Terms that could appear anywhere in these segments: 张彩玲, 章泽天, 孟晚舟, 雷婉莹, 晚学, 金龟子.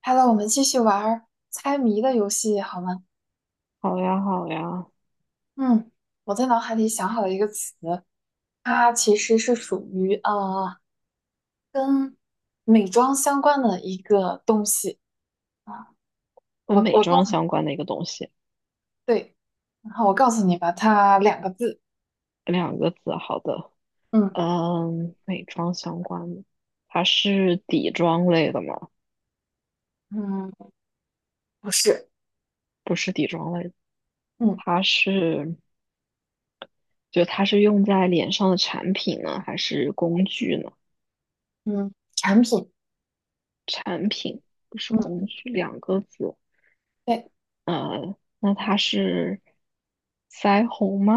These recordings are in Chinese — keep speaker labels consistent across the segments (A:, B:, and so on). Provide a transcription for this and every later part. A: 好了，我们继续玩儿猜谜的游戏好吗？
B: 好呀，好呀。
A: 嗯，我在脑海里想好了一个词，它其实是属于跟美妆相关的一个东西啊。
B: 跟
A: 我
B: 美
A: 我告
B: 妆
A: 诉你。
B: 相关的一个东西，
A: 对，然后我告诉你吧，它两个字。
B: 两个字，好的。
A: 嗯
B: 嗯，美妆相关的，它是底妆类的吗？
A: 嗯，不是。
B: 不是底妆类的，
A: 嗯
B: 它是，就它是用在脸上的产品呢，还是工具呢？
A: 嗯，产品。
B: 产品，不是工
A: 嗯，
B: 具，两个字。
A: 对。
B: 那它是腮红吗？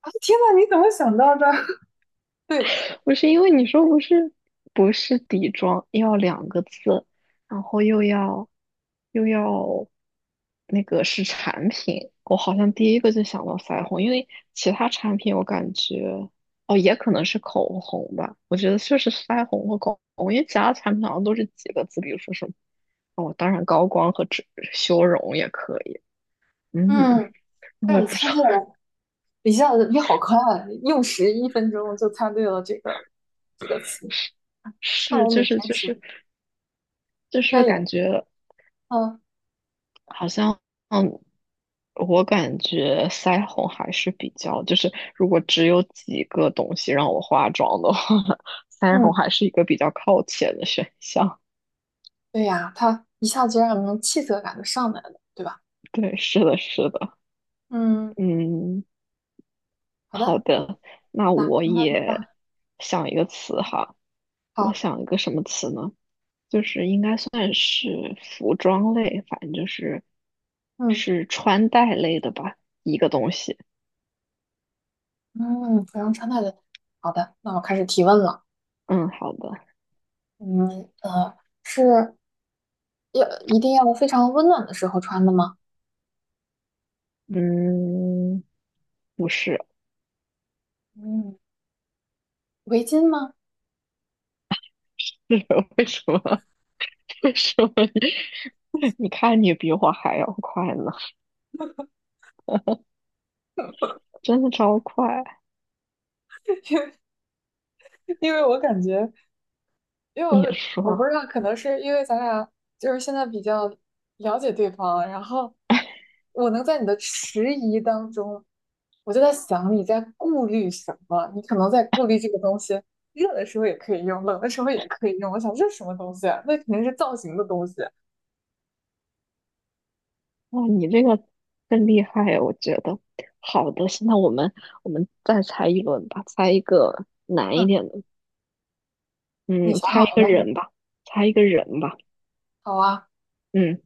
A: 啊，天呐，你怎么想到的？对。
B: 不是，因为你说不是底妆要两个字，然后又要那个是产品，我好像第一个就想到腮红，因为其他产品我感觉，哦，也可能是口红吧。我觉得就是腮红和口红，因为其他产品好像都是几个字，比如说什么。哦，当然高光和修容也可以。嗯，
A: 嗯，但
B: 我
A: 是
B: 也
A: 你
B: 不
A: 猜
B: 知道。
A: 对 了，一下子你好快啊，用时1分钟就猜对了这个词。看
B: 是，
A: 我
B: 就
A: 鲁
B: 是
A: 山
B: 就
A: 时
B: 是
A: 应
B: 就
A: 该
B: 是
A: 也，
B: 感觉。
A: 嗯
B: 好像，嗯，我感觉腮红还是比较，就是如果只有几个东西让我化妆的话，腮红
A: 嗯，
B: 还是一个比较靠前的选项。
A: 对呀，他一下子就让人气色感就上来了，对吧？
B: 对，是的，是的。
A: 嗯，
B: 嗯，
A: 好
B: 好
A: 的。
B: 的。那
A: 那
B: 我
A: 那
B: 也
A: 那
B: 想一个词哈，我
A: 好。
B: 想一个什么词呢？就是应该算是服装类，反正就是
A: 嗯
B: 是穿戴类的吧，一个东西。
A: 嗯，服装穿戴的。好的，那我开始提问了。
B: 嗯，好的。
A: 嗯，是要一定要非常温暖的时候穿的吗？
B: 嗯，不是。
A: 嗯，围巾吗？
B: 是。为什么？为什么你？你看你比我还要快呢，真的超快！
A: 因为我感觉，因为我
B: 你
A: 我不
B: 说。
A: 知道，可能是因为咱俩就是现在比较了解对方，然后我能在你的迟疑当中，我就在想你在顾虑什么，你可能在顾虑这个东西，热的时候也可以用，冷的时候也可以用。我想这是什么东西啊，那肯定是造型的东西。
B: 哇，你这个更厉害啊，我觉得。好的，现在我们再猜一轮吧，猜一个难
A: 嗯，
B: 一点的。
A: 你
B: 嗯，
A: 想
B: 猜一
A: 好了
B: 个
A: 吗？
B: 人吧，猜一个人吧。
A: 好啊。
B: 嗯，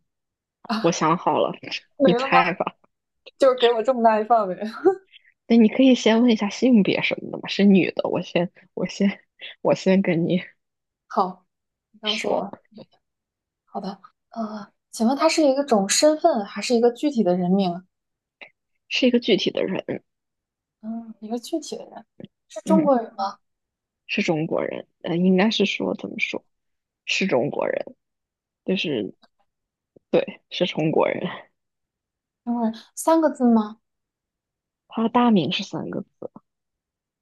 B: 我
A: 啊，
B: 想好了。
A: 没
B: 你
A: 了吗？
B: 猜吧。
A: 就是给我这么大一范围。
B: 那你可以先问一下性别什么的嘛，是女的，我先跟你
A: 好，你告诉
B: 说，
A: 我。好的。请问它是一个种身份还是一个具体的人名啊？
B: 是一个具体的人。
A: 嗯，一个具体的人，是中
B: 嗯。
A: 国人吗？
B: 是中国人，应该是说，怎么说，是中国人，就是，对，是中国人。
A: 中国人，三个字吗？
B: 他的大名是3个字。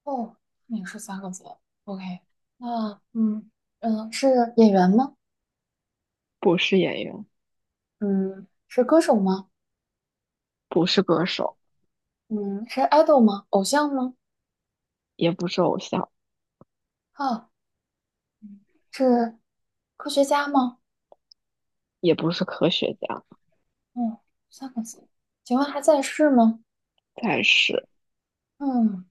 A: 哦，也是三个字。OK，那嗯嗯，是演员吗？
B: 不是演员，
A: 嗯，是歌手吗？
B: 不是歌手，
A: 嗯，是 idol 吗？偶像吗？
B: 也不是偶像，
A: 啊，嗯是科学家吗？
B: 也不是科学家。
A: 嗯，三个字。请问还在世吗？
B: 但是
A: 嗯，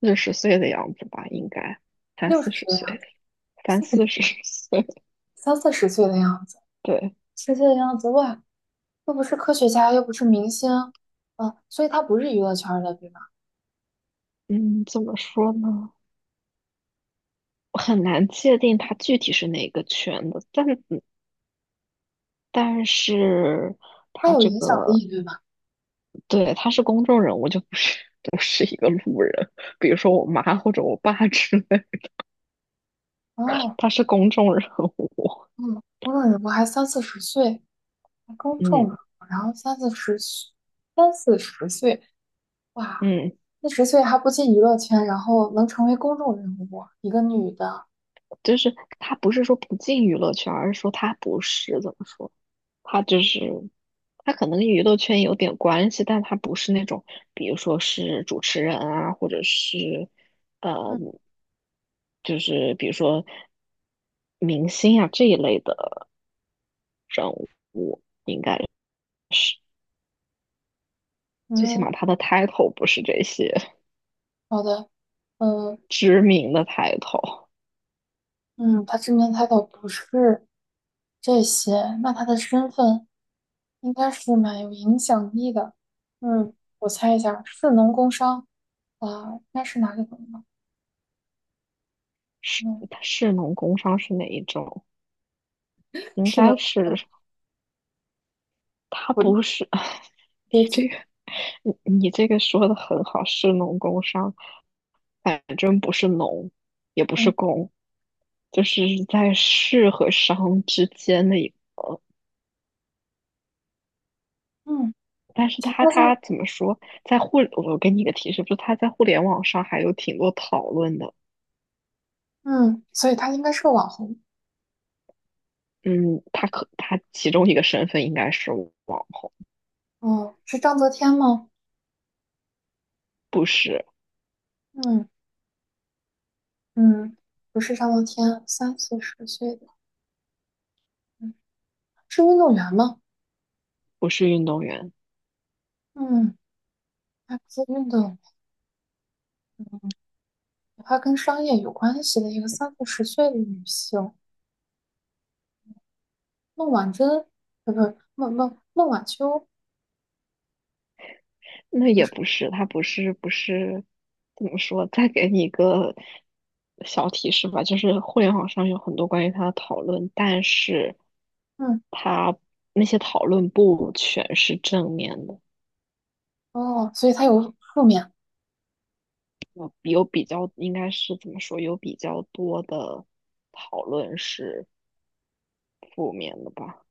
B: 四十岁的样子吧，应该三
A: 六
B: 四
A: 十
B: 十
A: 岁的样
B: 岁，
A: 子，
B: 三
A: 40几，
B: 四十岁。
A: 三四十岁的样子，
B: 对。
A: 四十岁的样子。哇，又不是科学家，又不是明星，啊，所以他不是娱乐圈的，对吧？
B: 嗯，怎么说呢？我很难界定他具体是哪个圈的，但是
A: 他
B: 他
A: 有
B: 这
A: 影响
B: 个，
A: 力，对吧？
B: 对，他是公众人物，就不是一个路人，比如说我妈或者我爸之类。
A: 哦，
B: 他是公众人物。
A: 嗯，我感觉我还三四十岁，公众，中
B: 嗯
A: 呢，然后三四十岁，三四十岁。哇，
B: 嗯，
A: 四十岁还不进娱乐圈，然后能成为公众人物，一个女的。
B: 就是他不是说不进娱乐圈，而是说他不是，怎么说，他就是他可能跟娱乐圈有点关系，但他不是那种，比如说是主持人啊，或者是，呃，
A: 嗯
B: 就是比如说明星啊这一类的人物，是最起
A: 嗯，
B: 码他的 title 不是这些。
A: 好的。嗯
B: 知名的抬头，
A: 嗯，他知名态倒不是这些，那他的身份应该是蛮有影响力的。嗯，我猜一下，士农工商，啊、应该是哪里的呢？嗯，
B: 市农工商是哪一种？应
A: 是的，
B: 该是，他不是，你
A: 阶级。
B: 这个你这个说的很好，市农工商，反正不是农，也不是
A: 嗯
B: 工，就是在市和商之间的一个。
A: 嗯，
B: 但是
A: 行，
B: 他
A: 他
B: 他
A: 是
B: 怎么说，我给你一个提示，就是它在互联网上还有挺多讨论的。
A: 嗯，所以他应该是个网红。
B: 嗯，他其中一个身份应该是网红，
A: 哦，是章泽天吗？
B: 不是
A: 嗯嗯，不是章泽天，三四十岁的。嗯，是运动员吗？
B: 不是运动员。
A: 嗯，她不是运动员，她跟商业有关系的一个三四十岁的女性，孟晚舟，不不，孟晚秋，
B: 那
A: 不
B: 也
A: 是。
B: 不是，怎么说？再给你一个小提示吧，就是互联网上有很多关于他的讨论，但是
A: 嗯
B: 他那些讨论不全是正面的，
A: 哦，所以她有负面。
B: 有比较，应该是，怎么说，有比较多的讨论是负面的吧？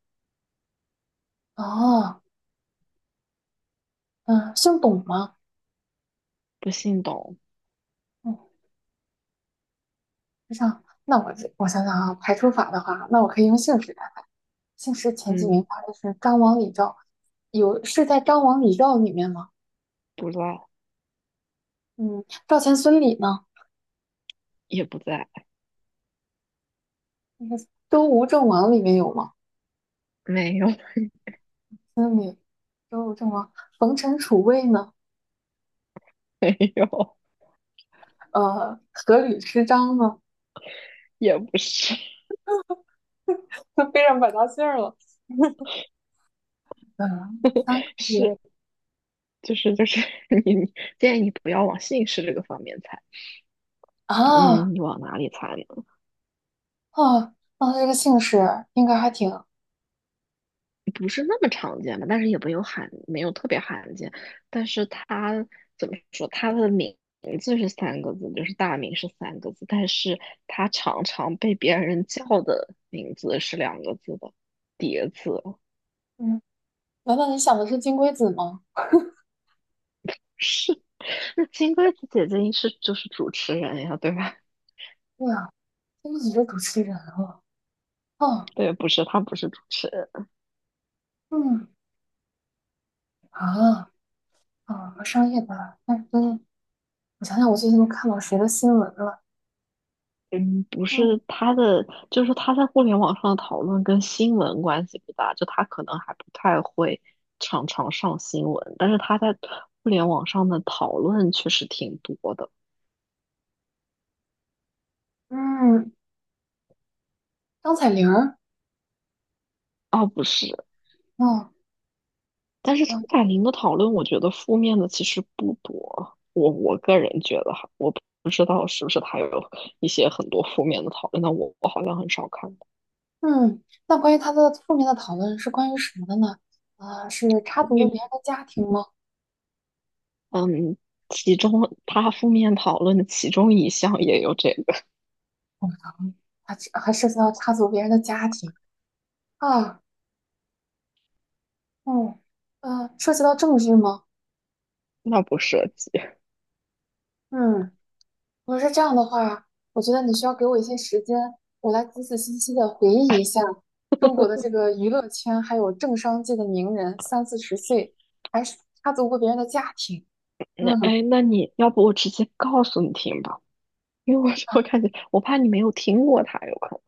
A: 哦，嗯，姓董吗？
B: 不信懂。
A: 嗯，是这样，那我想想啊，排除法的话，那我可以用姓氏来排。姓氏前几
B: 嗯，
A: 名发的是张王李赵，有是在张王李赵里面吗？
B: 不在，
A: 嗯，赵钱孙李呢？
B: 也不在，
A: 那个周吴郑王里面有吗？
B: 没有。
A: 孙李、周吴郑王、冯陈楚卫呢？
B: 没有，
A: 呃，阖闾吃张呢？
B: 也不是。
A: 都背上百家姓儿了。嗯，三个 字
B: 是。就是 你建议你不要往姓氏这个方面猜。
A: 啊
B: 嗯，你往哪里猜呢？
A: 啊，那这个姓氏应该还挺……
B: 不是那么常见吧，但是也没有特别罕见。但是他怎么说，他的名字是三个字，就是大名是三个字，但是他常常被别人叫的名字是两个字的叠字哦。
A: 嗯，难道你想的是金龟子吗？
B: 是，那金龟子姐姐就是主持人呀，对吧？
A: 对啊，金龟子是主持人了。哦，
B: 对，不是，她不是主持人。
A: 嗯啊啊，上夜班，但是。我想想，我最近都看到谁的新闻了？
B: 嗯，不是
A: 嗯
B: 他的，就是他在互联网上的讨论跟新闻关系不大，就他可能还不太会常常上新闻，但是他在互联网上的讨论确实挺多的。
A: 嗯，张彩玲儿。
B: 哦，不是，
A: 哦
B: 但是张
A: 嗯
B: 彩玲的讨论，我觉得负面的其实不多。我个人觉得哈，我不知道是不是他有一些很多负面的讨论，但我好像很少看到。
A: 嗯，那关于她的负面的讨论是关于什么的呢？啊、是插足了
B: 嗯，
A: 别人的家庭吗？
B: 嗯，其中他负面讨论的其中一项也有这个，
A: 嗯，还是还涉及到插足别人的家庭啊？嗯，涉及到政治吗？
B: 那不涉及。
A: 嗯，如果是这样的话，我觉得你需要给我一些时间，我来仔仔细细的回忆一下中国的这个娱乐圈还有政商界的名人，三四十岁还是插足过别人的家庭。
B: 那哎，
A: 嗯
B: 诶那你要不我直接告诉你听吧，因为我感觉我怕你没有听过他，有可能。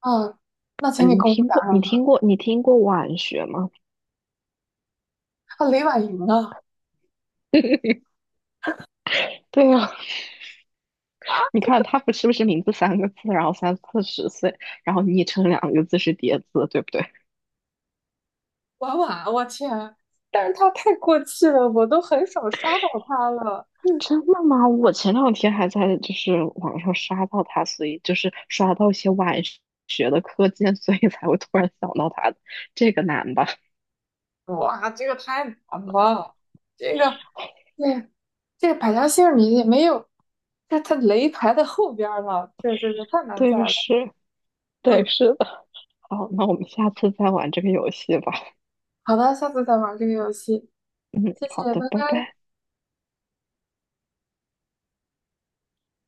A: 嗯，那
B: 呃
A: 请你
B: 你
A: 公布
B: 听
A: 答
B: 过你
A: 案吧。
B: 听过你听过晚学吗？
A: 啊，雷婉莹啊。
B: 对呀，
A: 啊，
B: 你看他不是名字三个字，然后三四十岁，然后昵称两个字是叠字，对不对？
A: 婉婉，我天！但是他太过气了，我都很少刷到他了。嗯
B: 真的吗？我前两天还在就是网上刷到他，所以就是刷到一些晚学的课件，所以才会突然想到他的。这个难吧？
A: 哇，这个太难了，这个对，这个百家姓儿你也没有，这他雷排在后边儿了，这太难在
B: 对，
A: 了。
B: 是，对，
A: 嗯，
B: 是的。好，那我们下次再玩这个游戏吧。
A: 好的，下次再玩这个游戏，
B: 嗯，
A: 谢谢，
B: 好
A: 拜
B: 的，拜
A: 拜。
B: 拜。